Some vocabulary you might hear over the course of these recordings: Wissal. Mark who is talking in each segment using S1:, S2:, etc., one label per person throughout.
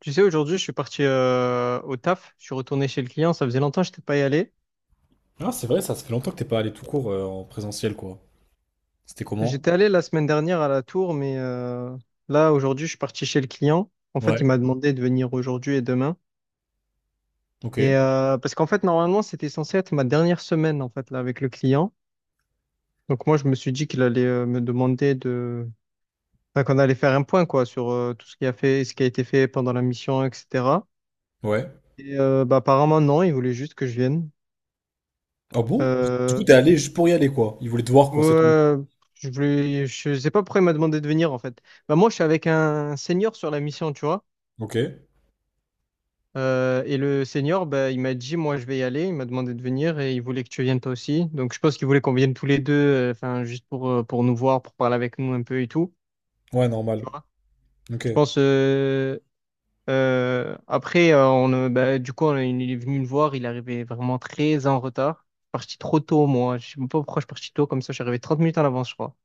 S1: Tu sais, aujourd'hui, je suis parti au taf. Je suis retourné chez le client. Ça faisait longtemps que je n'étais pas y allé.
S2: Ah, c'est vrai, ça fait longtemps que t'es pas allé tout court en présentiel, quoi. C'était comment?
S1: J'étais allé la semaine dernière à la tour, mais là, aujourd'hui, je suis parti chez le client. En fait,
S2: Ouais.
S1: il m'a demandé de venir aujourd'hui et demain.
S2: Ok.
S1: Parce qu'en fait, normalement, c'était censé être ma dernière semaine en fait là avec le client. Donc moi, je me suis dit qu'il allait me demander de, enfin, qu'on allait faire un point quoi sur tout ce qui a fait, ce qui a été fait pendant la mission, etc.
S2: Ouais.
S1: Bah, apparemment non, il voulait juste que je vienne.
S2: Ah bon? Du coup,
S1: Euh,
S2: t'es allé juste pour y aller, quoi. Ils voulaient te voir, quoi, c'est tout.
S1: Ouais, je voulais, je sais pas pourquoi il m'a demandé de venir en fait. Bah moi je suis avec un senior sur la mission, tu vois.
S2: Ok.
S1: Et le senior, bah, il m'a dit moi je vais y aller. Il m'a demandé de venir et il voulait que tu viennes toi aussi. Donc je pense qu'il voulait qu'on vienne tous les deux, enfin juste pour nous voir, pour parler avec nous un peu et tout.
S2: Ouais,
S1: Tu
S2: normal.
S1: vois.
S2: Ok.
S1: Je pense. Après on, bah, du coup il est venu me voir. Il arrivait vraiment très en retard. Je suis parti trop tôt moi. Je sais même pas pourquoi je suis parti tôt comme ça. Je suis arrivé 30 minutes en avance, je crois.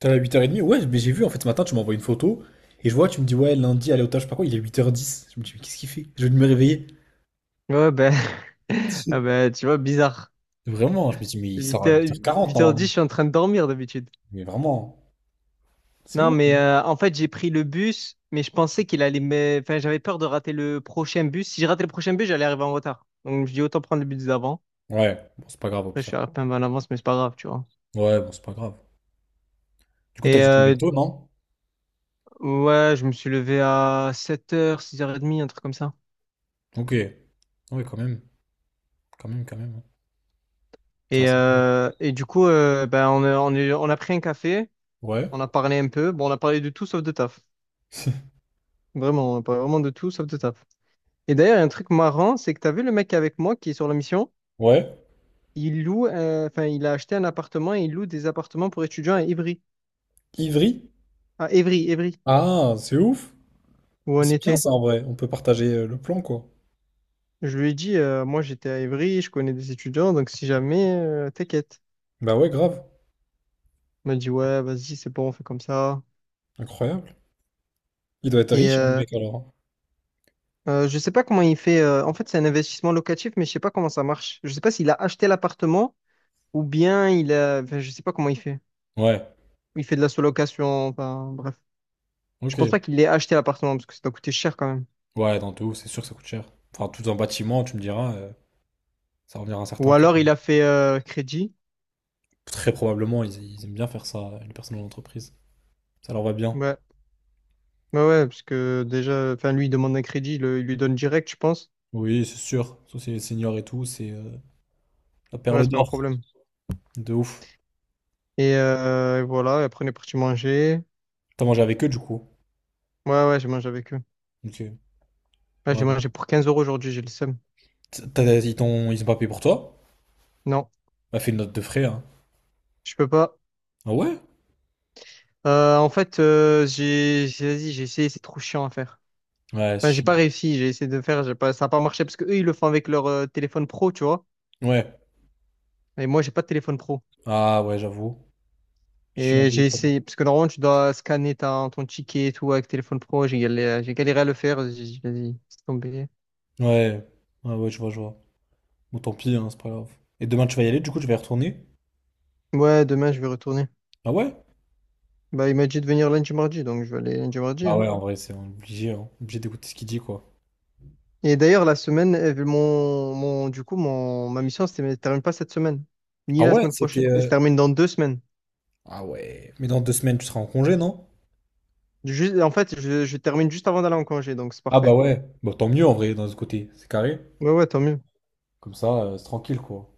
S2: T'es allé à 8h30? Ouais, mais j'ai vu, en fait, ce matin, tu m'envoies une photo, et je vois, tu me dis, ouais, lundi, aller au taf, je sais pas quoi, il est 8h10. Je me dis, mais qu'est-ce qu'il fait? Je vais me réveiller.
S1: Ouais, ben,
S2: Si.
S1: ah ben, tu vois, bizarre.
S2: Vraiment, je me dis, mais il sort
S1: Huit
S2: à
S1: heures,
S2: 8h40
S1: huit heures dix
S2: normalement.
S1: je suis en train de dormir d'habitude.
S2: Mais vraiment, c'est
S1: Non,
S2: ouf.
S1: mais en fait, j'ai pris le bus, mais je pensais qu'il allait me... Enfin, j'avais peur de rater le prochain bus. Si je ratais le prochain bus, j'allais arriver en retard. Donc, je dis autant prendre le bus d'avant.
S2: Ouais, bon, c'est pas grave, au
S1: Après, je
S2: pire.
S1: suis un peu en avance, mais c'est pas grave, tu vois.
S2: Ouais, bon, c'est pas grave. Du coup, t'as
S1: Et
S2: dû te lever
S1: euh,
S2: tôt, non?
S1: ouais, je me suis levé à 7 h, 6 h 30, un truc comme ça.
S2: Ok. Ouais, quand même. Quand même, quand même. Ouais. Ça, c'est-
S1: Et du coup, ben, on a pris un café,
S2: Ouais.
S1: on a parlé un peu. Bon, on a parlé de tout sauf de taf. Vraiment, on a parlé vraiment de tout sauf de taf. Et d'ailleurs, il y a un truc marrant, c'est que t'as vu le mec avec moi qui est sur la mission?
S2: Ouais.
S1: Il loue, enfin, il a acheté un appartement et il loue des appartements pour étudiants à Ivry.
S2: Ivry?
S1: À Évry,
S2: Ah, c'est ouf.
S1: où on
S2: C'est bien
S1: était.
S2: ça en vrai. On peut partager le plan, quoi.
S1: Je lui ai dit, moi j'étais à Évry, je connais des étudiants, donc si jamais, t'inquiète.
S2: Bah ouais, grave.
S1: Il m'a dit, ouais, vas-y, c'est bon, on fait comme ça.
S2: Incroyable. Il doit être
S1: Et
S2: riche, hein, le
S1: euh,
S2: mec, alors.
S1: je sais pas comment il fait. En fait, c'est un investissement locatif, mais je sais pas comment ça marche. Je sais pas s'il a acheté l'appartement ou bien il a. Enfin, je sais pas comment il fait.
S2: Ouais.
S1: Il fait de la sous-location, enfin, bref. Je
S2: Ok.
S1: pense pas qu'il ait acheté l'appartement parce que ça doit coûter cher quand même.
S2: Ouais, dans tout, c'est sûr que ça coûte cher. Enfin, tout un bâtiment, tu me diras, ça revient à un certain
S1: Ou
S2: prix.
S1: alors il a fait crédit.
S2: Très probablement, ils aiment bien faire ça, les personnes de l'entreprise. Ça leur va bien.
S1: Ouais. Ouais, ouais, parce que déjà, enfin, lui, il demande un crédit, il, il lui donne direct, je pense.
S2: Oui, c'est sûr. Ça, c'est les seniors et tout, c'est la
S1: Ouais,
S2: perle
S1: c'est pas un
S2: d'or.
S1: problème.
S2: De ouf.
S1: Et voilà, et après, on est parti manger.
S2: T'as mangé avec eux, du coup.
S1: Ouais, ouais, j'ai mangé avec eux.
S2: Ok.
S1: Ouais, j'ai
S2: Ouais.
S1: mangé pour 15 € aujourd'hui, j'ai le seum.
S2: Ils ont pas payé pour toi?
S1: Non,
S2: Bah, fais une note de frais, hein.
S1: je peux pas.
S2: Ah ouais?
S1: En fait, j'ai, vas-y, j'ai essayé, c'est trop chiant à faire.
S2: Ouais, c'est
S1: Enfin, j'ai pas
S2: chiant.
S1: réussi, j'ai essayé de faire, j'ai pas, ça a pas marché parce que eux, ils le font avec leur téléphone pro, tu vois.
S2: Ouais.
S1: Et moi, j'ai pas de téléphone pro.
S2: Ah ouais, j'avoue. Chiant
S1: Et
S2: de ouf,
S1: j'ai
S2: quand
S1: essayé, parce que normalement, tu dois scanner ta, ton ticket et tout avec téléphone pro. J'ai galéré à le faire. J'ai dit, vas-y, c'est tombé.
S2: même. Ouais. Ouais, ouais, je vois, je vois. Bon, tant pis, hein, c'est pas grave. Et demain, tu vas y aller, du coup, tu vas y retourner?
S1: Ouais, demain, je vais retourner.
S2: Ah ouais?
S1: Bah, il m'a dit de venir lundi, mardi, donc je vais aller lundi, mardi,
S2: Ah
S1: hein.
S2: ouais, en vrai, c'est obligé, hein. Obligé d'écouter ce qu'il dit, quoi.
S1: Et d'ailleurs, la semaine, elle- mon, du coup, mon, ma mission, elle ne termine pas cette semaine, ni
S2: Ah
S1: la
S2: ouais,
S1: semaine prochaine.
S2: c'était
S1: Elle se termine dans deux semaines.
S2: Ah ouais. Mais dans 2 semaines, tu seras en congé, non?
S1: Juste, en fait, je termine juste avant d'aller en congé, donc c'est
S2: Ah bah
S1: parfait.
S2: ouais. Bah tant mieux, en vrai, d'un autre côté. C'est carré.
S1: Ouais, ouais, tant mieux.
S2: Comme ça, c'est tranquille, quoi.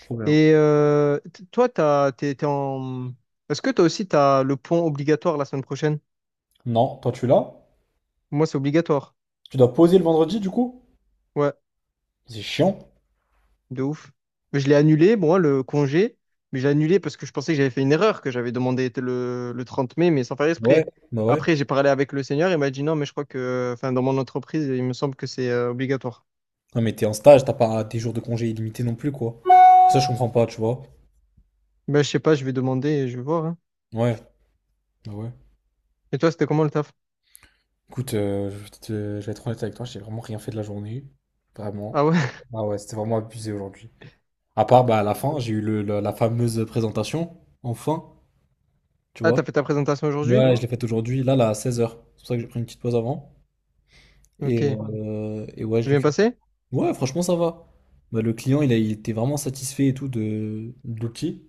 S2: Trop bien.
S1: Et toi, t'es en... Est-ce que toi aussi, t'as le point obligatoire la semaine prochaine?
S2: Non, toi, tu es là?
S1: Moi, c'est obligatoire.
S2: Tu dois poser le vendredi, du coup?
S1: Ouais.
S2: C'est chiant.
S1: De ouf. Mais je l'ai annulé, moi, le congé. Mais j'ai annulé parce que je pensais que j'avais fait une erreur, que j'avais demandé le 30 mai, mais sans faire
S2: Ouais.
S1: exprès.
S2: Bah ouais.
S1: Après, j'ai parlé avec le seigneur, il m'a dit non, mais je crois que, enfin, dans mon entreprise, il me semble que c'est obligatoire.
S2: Non, mais t'es en stage, t'as pas des jours de congé illimités non plus, quoi. Ça, je comprends pas, tu vois.
S1: Ben, je sais pas, je vais demander et je vais voir, hein.
S2: Ouais, bah ouais.
S1: Et toi, c'était comment le taf?
S2: Écoute, je vais être honnête avec toi, j'ai vraiment rien fait de la journée.
S1: Ah
S2: Vraiment.
S1: ouais?
S2: Ah ouais, c'était vraiment abusé aujourd'hui. À part, bah, à la fin, j'ai eu la fameuse présentation, enfin, tu
S1: Ah, t'as
S2: vois.
S1: fait ta présentation aujourd'hui?
S2: Ouais, je l'ai faite aujourd'hui, là, là, à 16h. C'est pour ça que j'ai pris une petite pause avant.
S1: Ok.
S2: Et,
S1: C'est
S2: euh, et ouais, je l'ai
S1: bien
S2: fait.
S1: passé?
S2: Ouais, franchement, ça va. Bah, le client, il était vraiment satisfait et tout de l'outil.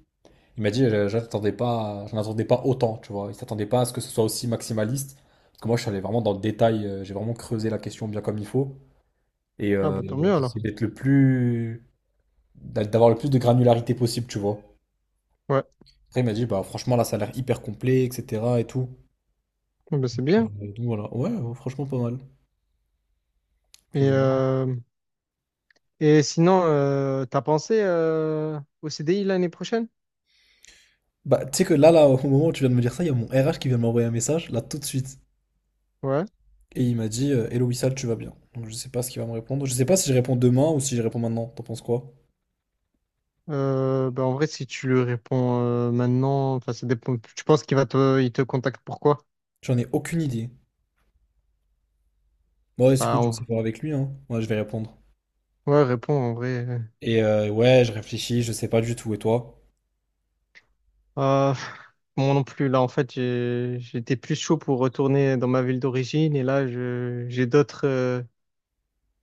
S2: Il m'a dit, j'en attendais pas autant, tu vois. Il s'attendait pas à ce que ce soit aussi maximaliste. Parce que moi, je suis allé vraiment dans le détail, j'ai vraiment creusé la question bien comme il faut.
S1: Ah, bah tant mieux
S2: J'ai
S1: alors.
S2: essayé d'être le plus, d'avoir le plus de granularité possible, tu vois.
S1: Ouais.
S2: Après, il m'a dit, bah franchement, là, ça a l'air hyper complet, etc. et tout.
S1: Ah, bah, c'est
S2: Donc,
S1: bien.
S2: euh, donc voilà, ouais, ouais, franchement, pas mal.
S1: Et,
S2: Puis voilà.
S1: euh, et sinon, t'as pensé au CDI l'année prochaine?
S2: Bah, tu sais que là, là, au moment où tu viens de me dire ça, il y a mon RH qui vient de m'envoyer un message, là, tout de suite.
S1: Ouais.
S2: Et il m'a dit, Hello Wissal, tu vas bien. Donc, je sais pas ce qu'il va me répondre. Je sais pas si je réponds demain ou si je réponds maintenant. T'en penses quoi?
S1: Bah, en vrai, si tu lui réponds maintenant, enfin, ça dépend. Tu penses qu'il va te, il te contacte pourquoi?
S2: J'en ai aucune idée. Bon, ouais, c'est cool,
S1: Bah,
S2: je vais essayer de
S1: en-
S2: voir avec lui, hein. Moi, je vais répondre.
S1: ouais, réponds en vrai.
S2: Ouais, je réfléchis, je sais pas du tout. Et toi?
S1: Euh, moi non plus. Là, en fait, j'étais plus chaud pour retourner dans ma ville d'origine et là,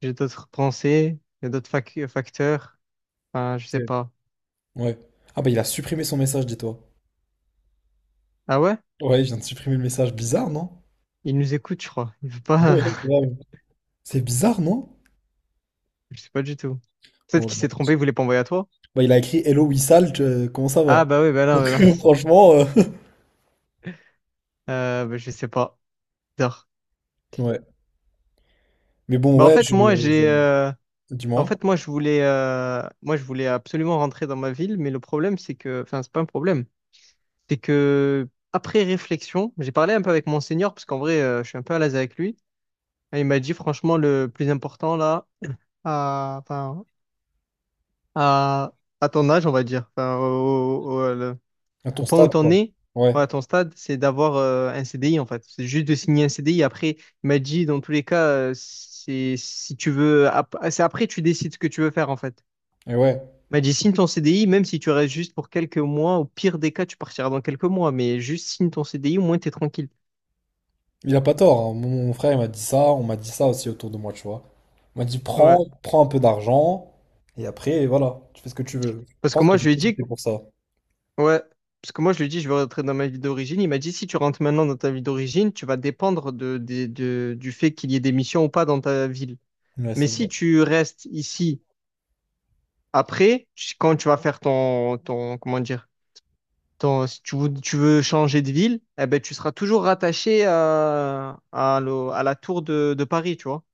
S1: j'ai d'autres pensées, j'ai d'autres facteurs. Enfin, je sais
S2: C'est-
S1: pas.
S2: Ouais. Ah bah, il a supprimé son message, dis-toi.
S1: Ah ouais?
S2: Ouais, il vient de supprimer le message. Bizarre, non?
S1: Il nous écoute, je crois. Il veut pas.
S2: Ouais, grave. C'est bizarre, non?
S1: Je sais pas du tout. Peut-être
S2: Bon, je
S1: qu'il s'est
S2: m'en
S1: trompé,
S2: fiche.
S1: il voulait pas envoyer à toi.
S2: Bah, il a écrit Hello Wissal, comment ça
S1: Ah
S2: va?
S1: bah oui, bah
S2: Donc,
S1: là, bah
S2: franchement,
S1: là. Bah, je sais pas. Bizarre.
S2: ouais. Mais bon,
S1: Bah en
S2: ouais,
S1: fait, moi j'ai
S2: je-
S1: euh, En
S2: Dis-moi.
S1: fait, moi, je voulais, je voulais absolument rentrer dans ma ville, mais le problème, c'est que, enfin, c'est pas un problème, c'est que après réflexion, j'ai parlé un peu avec mon senior parce qu'en vrai, je suis un peu à l'aise avec lui. Et il m'a dit, franchement, le plus important là, à, enfin, à, à ton âge, on va dire, enfin, au- au- le-
S2: À
S1: au
S2: ton
S1: point où
S2: stade,
S1: t'en
S2: quoi.
S1: es,
S2: Ouais.
S1: ouais, à ton stade, c'est d'avoir un CDI en fait. C'est juste de signer un CDI. Après, il m'a dit, dans tous les cas, c'est si tu veux, c'est après tu décides ce que tu veux faire en fait.
S2: Et ouais.
S1: M'a dit, signe ton CDI, même si tu restes juste pour quelques mois, au pire des cas, tu partiras dans quelques mois, mais juste signe ton CDI, au moins t'es tranquille.
S2: Il a pas tort, hein. Mon frère il m'a dit ça, on m'a dit ça aussi autour de moi, tu vois. On m'a dit
S1: Ouais.
S2: prends, prends un peu d'argent, et après, voilà, tu fais ce que tu veux. Je
S1: Parce que
S2: pense que
S1: moi, je
S2: j'ai
S1: lui ai
S2: plus opté
S1: dit,
S2: pour ça.
S1: ouais, parce que moi, je lui ai dit, je vais rentrer dans ma vie d'origine. Il m'a dit, si tu rentres maintenant dans ta vie d'origine, tu vas dépendre de, du fait qu'il y ait des missions ou pas dans ta ville.
S2: Ouais,
S1: Mais
S2: c'est
S1: si
S2: vrai.
S1: tu restes ici après, quand tu vas faire ton, ton, comment dire, ton, si tu veux, tu veux changer de ville, eh ben, tu seras toujours rattaché à, à la tour de Paris, tu vois.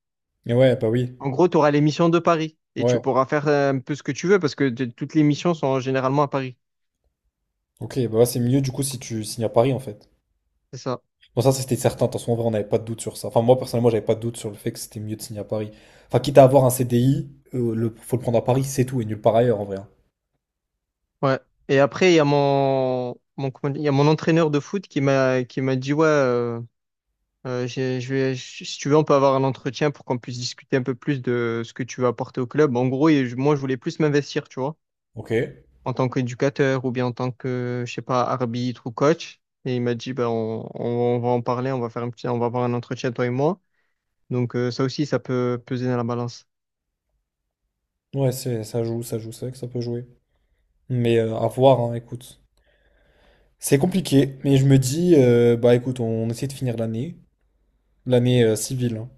S2: Et ouais, bah oui.
S1: En gros, tu auras les missions de Paris et tu
S2: Ouais.
S1: pourras faire un peu ce que tu veux parce que toutes les missions sont généralement à Paris.
S2: Ok, bah ouais, c'est mieux du coup si tu signes à Paris en fait.
S1: C'est ça.
S2: Bon, ça, c'était certain, de toute en vrai, on n'avait pas de doute sur ça. Enfin, moi personnellement, j'avais pas de doute sur le fait que c'était mieux de signer à Paris. Enfin, quitte à avoir un C CDI, faut le prendre à Paris, c'est tout, et nulle part ailleurs en vrai, hein.
S1: Ouais. Et après, il y a mon, mon, comment dire, il y a mon entraîneur de foot qui m'a dit, ouais, si tu veux, on peut avoir un entretien pour qu'on puisse discuter un peu plus de ce que tu veux apporter au club. En gros, moi, je voulais plus m'investir, tu vois,
S2: Ok.
S1: en tant qu'éducateur ou bien en tant que, je sais pas, arbitre ou coach. Et il m'a dit, ben, on va en parler, on va faire un petit, on va avoir un entretien, toi et moi. Donc, ça aussi, ça peut peser dans la balance.
S2: Ouais, ça joue, c'est vrai que ça peut jouer. Mais à voir, hein, écoute. C'est compliqué, mais je me dis, bah écoute, on essaie de finir l'année civile, hein,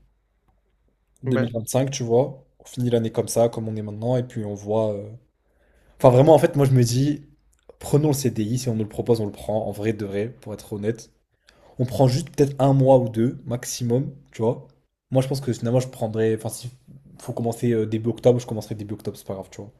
S1: Ouais,
S2: 2025, tu vois. On finit l'année comme ça, comme on est maintenant, et puis on voit. Enfin, vraiment, en fait, moi je me dis, prenons le CDI, si on nous le propose, on le prend, en vrai de vrai, pour être honnête. On prend juste peut-être un mois ou deux, maximum, tu vois. Moi je pense que finalement, je prendrais. Enfin, si faut commencer début octobre, je commencerai début octobre, c'est pas grave, tu vois.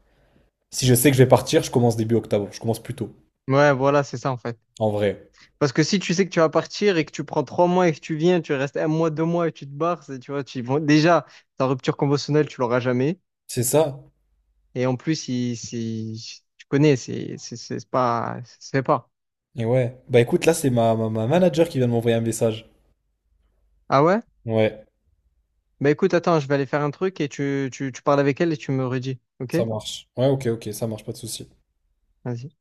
S2: Si je sais que je vais partir, je commence début octobre, je commence plus tôt,
S1: ouais, voilà, c'est ça en fait.
S2: en vrai.
S1: Parce que si tu sais que tu vas partir et que tu prends trois mois et que tu viens, tu restes un mois, deux mois et tu te barres, tu vois, tu, bon, déjà, ta rupture conventionnelle, tu l'auras jamais.
S2: C'est ça.
S1: Et en plus, il, si si, tu connais, c'est pas. C'est pas.
S2: Et ouais. Bah écoute, là, c'est ma manager qui vient de m'envoyer un message.
S1: Ah ouais?
S2: Ouais,
S1: Bah écoute, attends, je vais aller faire un truc et tu parles avec elle et tu me redis. Ok?
S2: ça marche. Ouais, ok, ok, ça marche, pas de souci.
S1: Vas-y.